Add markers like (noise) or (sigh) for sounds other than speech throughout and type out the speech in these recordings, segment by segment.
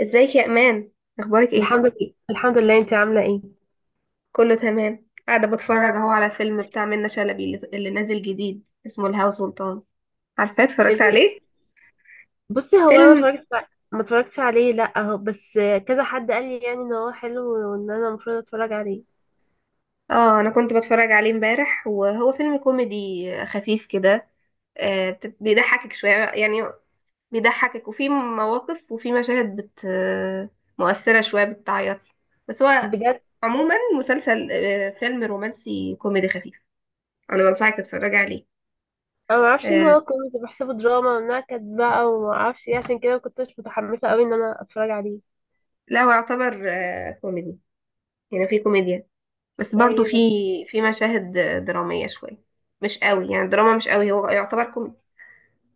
ازيك يا امان؟ اخبارك ايه؟ الحمد لله، انت عامله ايه؟ كله تمام. قاعده بتفرج اهو على فيلم بتاع منة شلبي اللي نازل جديد اسمه الهوى سلطان. عارفاه؟ اتفرجت فيلم. عليه؟ بصي، هو انا فيلم. ما اتفرجتش عليه لا، اهو بس كذا حد قال لي يعني ان هو حلو وان انا المفروض اتفرج عليه اه انا كنت بتفرج عليه امبارح، وهو فيلم كوميدي خفيف كده. آه، بيضحكك شويه يعني. بيضحكك، وفي مواقف وفي مشاهد بت مؤثره شويه، بتعيط. بس هو بجد. عموما مسلسل، فيلم رومانسي كوميدي خفيف. انا بنصحك تتفرجي عليه. انا ما اعرفش ان آه، هو كوميدي، بحسبه دراما وانها كانت بقى وما اعرفش ايه، عشان كده ما كنتش متحمسه قوي ان انا اتفرج عليه. لا هو يعتبر كوميدي. يعني في كوميديا، بس برضو ايوه في بس. في مشاهد درامية شوية. مش قوي يعني الدراما، مش قوي. هو يعتبر كوميدي،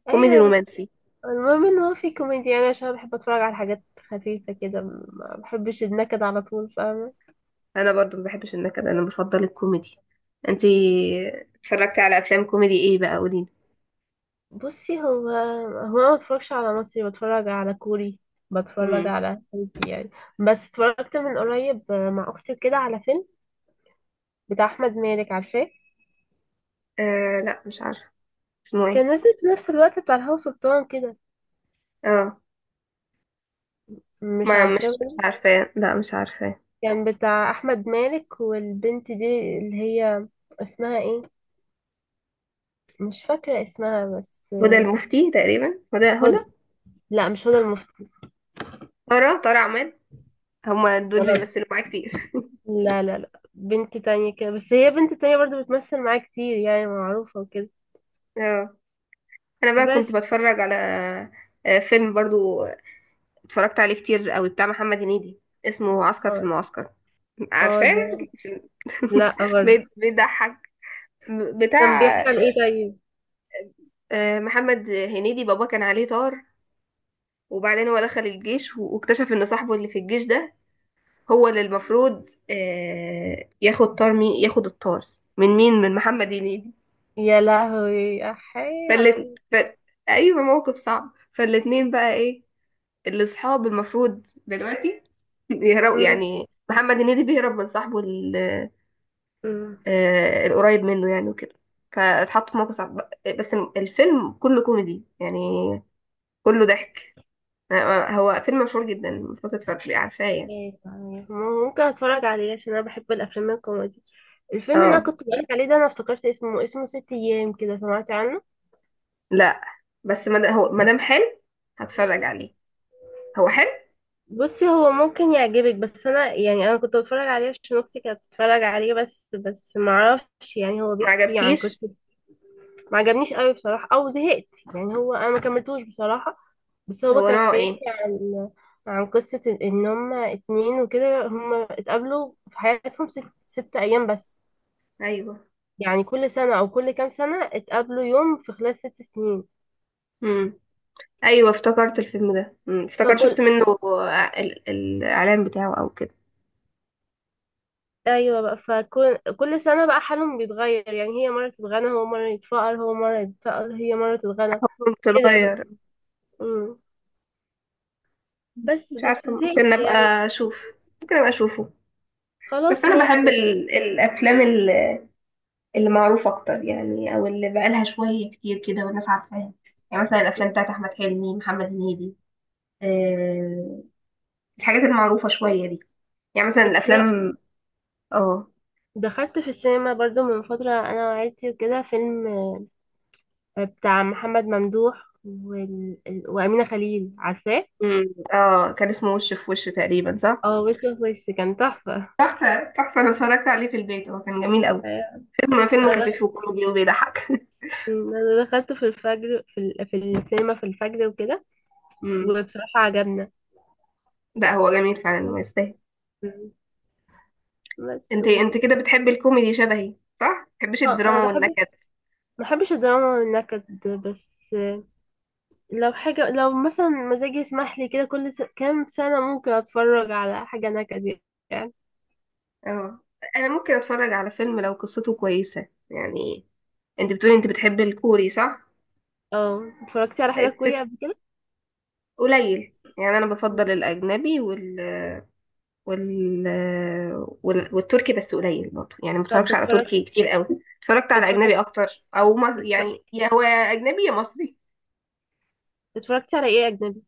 كوميدي ايوه بس رومانسي. المهم ان هو في كوميديا يعني، عشان انا بحب اتفرج على حاجات خفيفه كده، ما بحبش النكد على طول، فاهمه؟ انا برضو ما بحبش النكد، انا بفضل الكوميدي. انتي اتفرجتي على افلام كوميدي ايه بقى؟ قوليلي. بصي، هو انا ما بتفرجش على مصري، بتفرج على كوري، بتفرج امم. على تركي يعني. بس اتفرجت من قريب مع اختي كده على فيلم بتاع احمد مالك، عارفاه؟ آه لا مش عارفة. اسمه كان ايه؟ نازل في نفس الوقت بتاع الهوا سلطان كده. اه، مش ما عارفاه مش برضه. عارفة، لا مش عارفة. كان بتاع احمد مالك والبنت دي اللي هي اسمها ايه، مش فاكره اسمها بس. هدى المفتي تقريبا، هدى. هدى. لا، مش هدى المفتي. ترى عماد. هما دول ولا بيمثلوا معايا كتير. لا بنت تانية كده، بس هي بنت تانية برضو بتمثل معاه كتير يعني معروفة وكده. اه، انا بقى كنت بس. بتفرج على فيلم برضو، اتفرجت عليه كتير قوي، بتاع محمد هنيدي، اسمه عسكر في اه. المعسكر. اه عارفاه؟ ده. (laughs) لا برضه. بيضحك. كان بيحكي بتاع عن ايه طيب؟ محمد هنيدي. بابا كان عليه طار، وبعدين هو دخل الجيش واكتشف ان صاحبه اللي في الجيش ده هو اللي المفروض ياخد طار. مين ياخد الطار؟ من مين؟ من محمد هنيدي. يا لهوي، احي على فالت... ال... ف... ايوه، موقف صعب. فالاتنين بقى ايه، الاصحاب المفروض دلوقتي. (laughs) يهرب مم. يعني، محمد هنيدي بيهرب من صاحبه مم. القريب منه يعني وكده. فاتحط في موقف صعب. بس الفيلم كله كوميدي يعني، كله ضحك. هو فيلم مشهور جدا، المفروض تتفرجي، عارفاه يعني. إيه طيب، ممكن اتفرج عليه عشان انا بحب الافلام الكوميدي. الفيلم اللي اه انا كنت بقولك عليه ده انا افتكرت اسمه، اسمه ست ايام كده، سمعتي عنه؟ لا، بس ما هو ما دام حلو هتفرج عليه. هو حلو. بصي، هو ممكن يعجبك بس انا يعني انا كنت بتفرج عليه عشان اختي كانت بتتفرج عليه بس، معرفش يعني، هو ما بيحكي عن عجبكيش؟ قصة. ما عجبنيش قوي بصراحة او زهقت يعني، هو انا ما كملتوش بصراحة. بس هو هو كان نوعه ايه؟ بيحكي عن، عن قصة إن هما اتنين وكده هما اتقابلوا في حياتهم ست, ست أيام بس. ايوه. يعني كل سنة أو كل كام سنة اتقابلوا يوم، في خلال ست سنين. امم. ايوه افتكرت الفيلم ده. افتكرت، فكل، شفت منه الاعلان بتاعه او كده. أيوة بقى فكل سنة بقى حالهم بيتغير، يعني هي مرة تتغنى هو مرة يتفقر، هو مرة يتفقر هي مرة تتغنى حكم كده بقى. تتغير. مم. بس مش بس عارفه، زهقت ممكن يعني. ابقى اشوف. ممكن ابقى اشوفه. بس خلاص انا ماشي. بحب الافلام اللي معروف اكتر يعني، او اللي بقالها شويه كتير كده والناس عارفاها. يعني مثلا الافلام بتاعت احمد حلمي، محمد هنيدي. آه الحاجات المعروفه شويه دي. يعني مثلا اتفرجت، الافلام. اه. دخلت في السينما برضو من فترة أنا وعيلتي وكده فيلم بتاع محمد ممدوح وال... ال- وأمينة خليل، عارفاه؟ أمم. اه، كان اسمه وش في وش تقريبا، صح. اه، وش في وش، كان تحفة. تحفه تحفه، انا اتفرجت عليه في البيت، هو كان جميل قوي. أيوة. فيلم أنا خفيف وكوميدي وبيضحك. (laughs) أنا دخلته في الفجر، في, ال... في السينما في الفجر وكده. أمم. وبصراحة عجبنا. لا هو جميل فعلا ويستاهل. بس انت و... انت كده بتحبي الكوميدي شبهي، صح؟ ما بتحبيش اه أنا الدراما بحب، ما والنكد. بحبش الدراما والنكد، بس لو حاجة، لو مثلا مزاجي يسمح لي كده كل س... كام سنة ممكن أتفرج على حاجة نكد يعني. اه، انا ممكن اتفرج على فيلم لو قصته كويسه يعني. انت بتقولي انت بتحبي الكوري، صح؟ اه، اتفرجتي على حاجة كوري في قبل كده؟ قليل يعني، انا بفضل الاجنبي وال... والتركي، بس قليل برضه يعني، ما طب بتفرجش على بتفرج، تركي كتير قوي. اتفرجت على بتفرج، اجنبي اكتر. او يعني بتفرج- يا هو يا اجنبي يا مصري. اتفرجتي على ايه أجنبي؟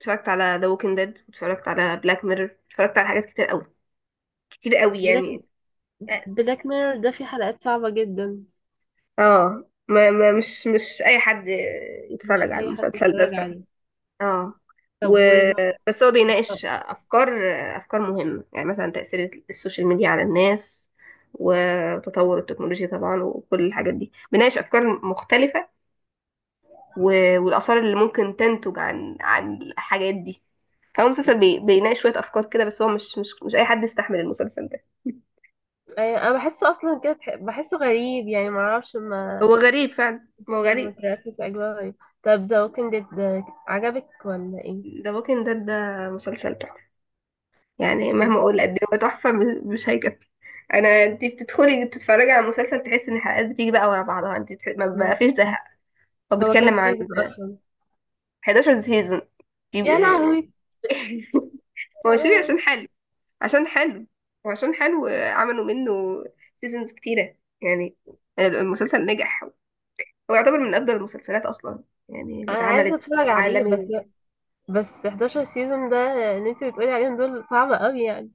اتفرجت على ذا ووكينج ديد، اتفرجت على بلاك ميرور، اتفرجت على حاجات كتير قوي، كتير قوي بلاك، يعني. اه. بلاك ميرور ده فيه حلقات صعبة جدا، ما مش اي حد مش يتفرج على أي حد المسلسل ده، يتفرج صح. عليه. اه. و... طب وز... بس هو بيناقش افكار، افكار مهمه يعني، مثلا تاثير السوشيال ميديا على الناس، وتطور التكنولوجيا طبعا، وكل الحاجات دي بيناقش افكار مختلفه، والاثار اللي ممكن تنتج عن الحاجات دي. فهو مسلسل بيناقش شويه افكار كده. بس هو مش اي حد يستحمل المسلسل ده. (laughs) أيوة، أنا بحسه أصلا كده تح- بحسه غريب يعني معرفش ما، هو غريب فعلا، هو ما غريب. اتركز في أجواء غريب. طب ذا ووكينج ديد ده عجبك ولا إيه؟ ذا ووكينج ديد ده مسلسل تحفه. يعني بجد؟ مهما اقول قد ايه هو تحفه، مش هيكفي. انا انت بتدخلي تتفرجي على المسلسل، تحسي ان الحلقات بتيجي بقى ورا بعضها، انت ما فيش زهق. هو هو كام بيتكلم عن سيزون أصلا؟ 11 سيزون يا يبقى- لهوي. (laughs) هو يا شيء، لهوي. عشان حلو، عشان حلو، وعشان حلو عملوا منه سيزونز كتيره يعني. المسلسل نجح، هو يعتبر من افضل المسلسلات اصلا يعني اللي أنا عايزة اتعملت أتفرج عليه، بس عالمي. بس 11 سيزون ده اللي أنت بتقولي عليهم دول صعبة أوي يعني.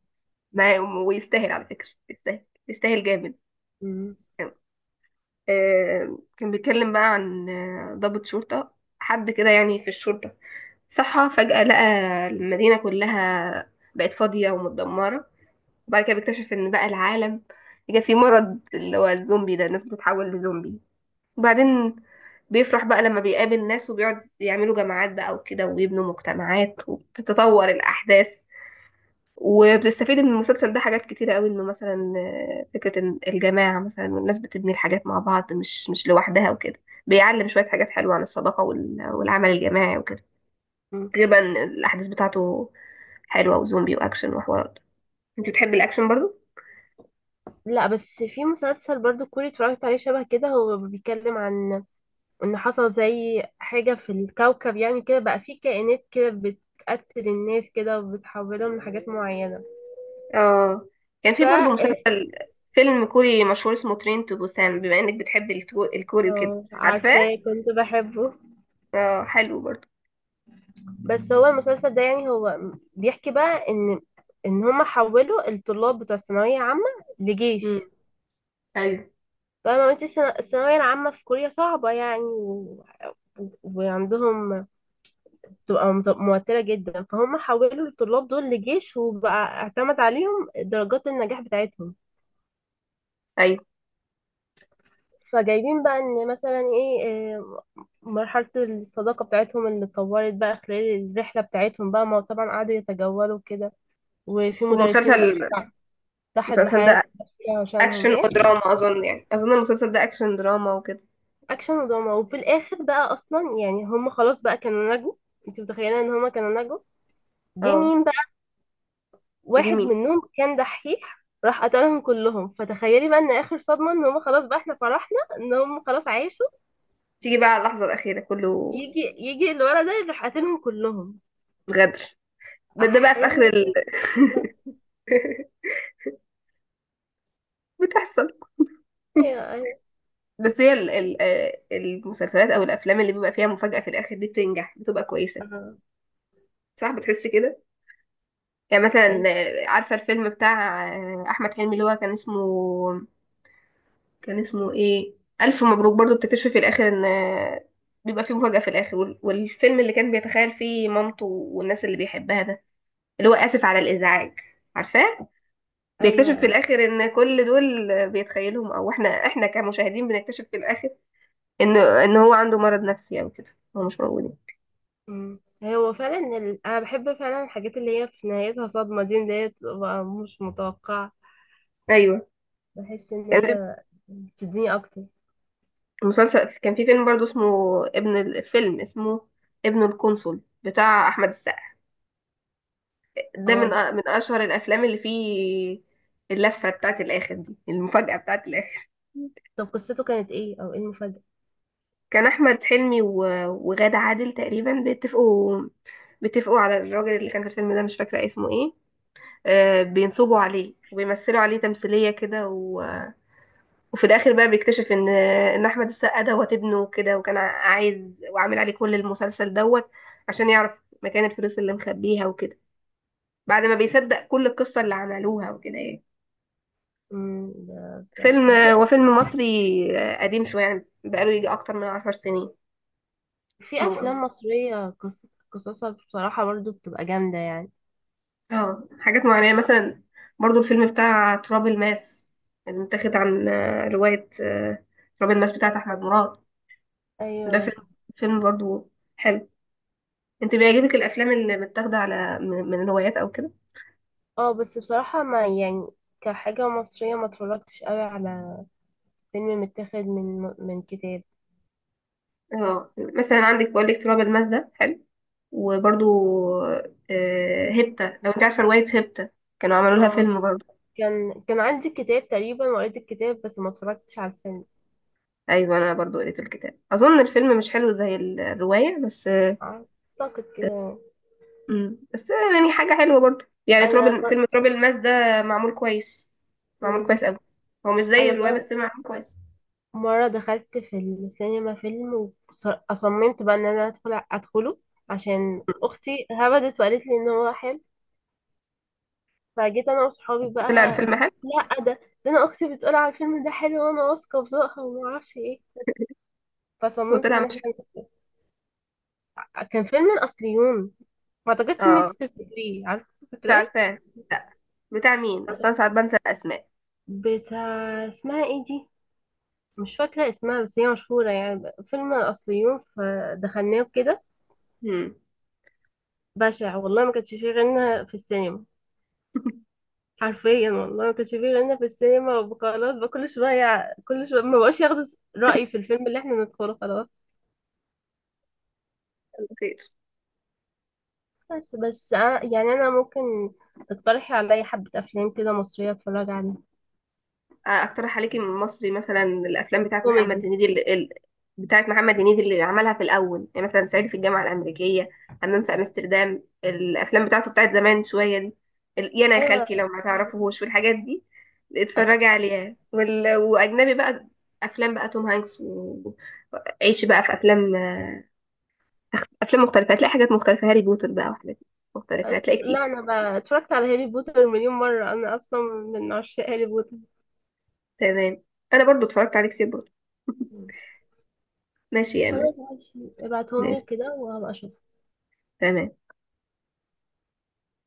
ما ويستاهل على فكره، يستاهل يستاهل جامد. مم. كان بيتكلم بقى عن ضابط شرطة، حد كده يعني في الشرطة، صحى فجأة لقى المدينة كلها بقت فاضية ومتدمرة. وبعد كده بيكتشف ان بقى العالم جه فيه مرض، اللي هو الزومبي ده، الناس بتتحول لزومبي. وبعدين بيفرح بقى لما بيقابل ناس، وبيقعد يعملوا جماعات بقى وكده، ويبنوا مجتمعات وتتطور الأحداث. وبتستفيد من المسلسل ده حاجات كتيرة قوي. انه مثلا فكرة إن الجماعة مثلا، والناس بتبني الحاجات مع بعض مش لوحدها وكده. بيعلم شوية حاجات حلوة عن الصداقة والعمل الجماعي وكده. مم. غالبا الأحداث بتاعته حلوة، وزومبي وأكشن وحوارات. انت بتحب الأكشن برضو؟ لا بس في مسلسل برضو كوري اتفرجت عليه شبه كده، هو بيتكلم عن ان حصل زي حاجة في الكوكب يعني كده، بقى في كائنات كده بتقتل الناس كده وبتحولهم لحاجات معينة. اه، كان في برضو ف، مسلسل، فيلم كوري مشهور اسمه ترين تو بوسان، بما انك بتحب الكوري وكده. اه عارفاه؟ عارفاه، كنت بحبه. اه، حلو برضو. بس هو المسلسل ده يعني، هو بيحكي بقى ان، ان هما حولوا الطلاب بتوع الثانوية عامة امم. لجيش. ايوه، فاهمة انت؟ الثانوية العامة في كوريا صعبة يعني و... وعندهم بتبقى موترة جدا، فهم حولوا الطلاب دول لجيش وبقى اعتمد عليهم درجات النجاح بتاعتهم. ايوه. فجايبين بقى ان مثلا ايه، آه، مرحلة الصداقة بتاعتهم اللي اتطورت بقى خلال الرحلة بتاعتهم بقى، ما هو طبعا قعدوا يتجولوا كده، وفي مدرسين والمسلسل ضحت، ضحت المسلسل بحياة ده عشانهم اكشن ايه. ودراما اظن يعني، اظن المسلسل ده اكشن دراما وكده. اكشن ودراما، وفي الاخر بقى اصلا يعني هم خلاص بقى كانوا نجوا. انت متخيلة ان هم كانوا نجوا، جه اه مين بقى؟ واحد جميل. منهم كان دحيح راح قتلهم كلهم. فتخيلي بقى ان اخر صدمة، ان هم خلاص بقى احنا فرحنا ان هم خلاص عاشوا، تيجي بقى على اللحظة الأخيرة كله يجي الولد ده يروح قاتلهم كلهم. غدر. ده بقى في احي. آخر لا. (laughs) بتحصل. ايوه، ايوه. بس هي المسلسلات أو الأفلام اللي بيبقى فيها مفاجأة في الآخر دي بتنجح، بتبقى كويسة. آه، صح، بتحس كده. يعني مثلا أنت- عارفة الفيلم بتاع أحمد حلمي اللي هو كان اسمه، كان اسمه ايه، الف مبروك. برضو بتكتشفي في الاخر ان بيبقى فيه مفاجأة في الاخر. والفيلم اللي كان بيتخيل فيه مامته والناس اللي بيحبها ده، اللي هو اسف على الازعاج، عارفاه، بيكتشف في ايوه. الاخر ان كل دول بيتخيلهم، او احنا كمشاهدين بنكتشف في الاخر ان هو عنده مرض نفسي او كده، هو مش موجود. أمم. هو فعلا ال... انا بحب فعلا الحاجات اللي هي في نهايتها صدمه دي، اللي هي بتبقى مش متوقعه. ايوه، بحس ان كان هي بتشدني اكتر. مسلسل، كان في فيلم برضو اسمه، ابن الفيلم اسمه ابن القنصل، بتاع احمد السقا. ده من اه. من اشهر الافلام اللي فيه اللفه بتاعت الاخر دي، المفاجاه بتاعت الاخر. طب قصته كانت ايه او ايه المفاجاه؟ كان احمد حلمي وغادة عادل تقريبا بيتفقوا، بيتفقوا على الراجل اللي كان في الفيلم ده، مش فاكره اسمه ايه. آه، بينصبوا عليه وبيمثلوا عليه تمثيليه كده، وفي الاخر بقى بيكتشف ان احمد السقا دوت ابنه كده، وكان عايز وعامل عليه كل المسلسل دوت عشان يعرف مكان الفلوس اللي مخبيها وكده، بعد ما بيصدق كل القصه اللي عملوها وكده يعني. أمم، فيلم، هو فيلم مصري قديم شوية يعني، بقاله يجي أكتر من 10 سنين. في اسمه. افلام مصريه قص... قصصها بصراحه برضو بتبقى جامده يعني. اه، حاجات معينة مثلا، برضو الفيلم بتاع تراب الماس، اللي متاخد عن رواية تراب الماس بتاعت أحمد مراد. ده فيلم، ايوه. فيلم برضو حلو. انت بيعجبك الأفلام اللي متاخدة على من الروايات أو كده؟ اه بس بصراحه ما يعني كحاجه مصريه ما اتفرجتش قوي على فيلم متاخد من من كتاب. اه، مثلا عندك بقول لك تراب الماس ده حلو، وبرضو هيبتا، لو انت عارفة رواية هيبتا، كانوا عملوا لها اه، فيلم برضو. كان عندي كتاب تقريبا وقريت الكتاب بس ما اتفرجتش على الفيلم. ايوه، انا برضو قريت الكتاب، اظن الفيلم مش حلو زي الروايه بس. اعتقد كده. امم، بس يعني حاجه حلوه برضو يعني، انا ب... فيلم تراب الماس ده معمول كويس، معمول مم. كويس قوي. هو مش زي انا الروايه مر... بس معمول كويس. مره دخلت في السينما فيلم، وصممت بقى ان انا ادخل ادخله عشان اختي هبدت وقالت لي ان هو حلو، فجيت انا وصحابي بقى. طلع الفيلم حلو؟ لا ده، ده انا اختي بتقول على الفيلم ده حلو، وانا واثقه في ذوقها وما اعرفش ايه، فصممت وطلع ان مش احنا. حلو. كان فيلم الاصليون، ما اعتقدش انك اه، تفتكريه، عارفه مش فاكراه؟ عارفاه لا. بتاع مين اصلا، ساعات بنسى الاسماء. بتاع اسمها ايه دي، مش فاكرة اسمها بس هي مشهورة يعني، فيلم الأصليون، فدخلناه كده. امم. بشع والله، ما كانش فيه غيرنا في السينما. (laughs) حرفيا والله ما كانش فيه غيرنا في السينما، وخلاص بقى كل شوية ما بقاش ياخدوا رأيي في الفيلم اللي احنا ندخله، خلاص. خير. بس أنا يعني، أنا ممكن تقترحي عليا حبة أفلام كده مصرية أتفرج عليها. اقترح عليكي من مصري، مثلا الافلام بتاعت محمد كوميدي. هنيدي بتاعت محمد هنيدي اللي عملها في الاول يعني، مثلا صعيدي في الجامعه الامريكيه، همام في امستردام، الافلام بتاعته بتاعت زمان شويه دي. يانا يا خالتي، أيوة. لو ما تعرفوهوش والحاجات دي، اتفرجي عليها. واجنبي بقى، افلام بقى توم هانكس وعيشي بقى في افلام، افلام مختلفه هتلاقي حاجات مختلفه، هاري بوتر بقى وحاجات مختلفه، هتلاقي لا كتير. أنا بقى اتفرجت على هاري بوتر مليون مرة، أنا أصلا من عشاق هاري بوتر. تمام، انا برضو اتفرجت عليه كتير برضو. ماشي يا امان. خلاص ماشي، ابعتهم لي ماشي. كده وهبقى اشوف. تمام.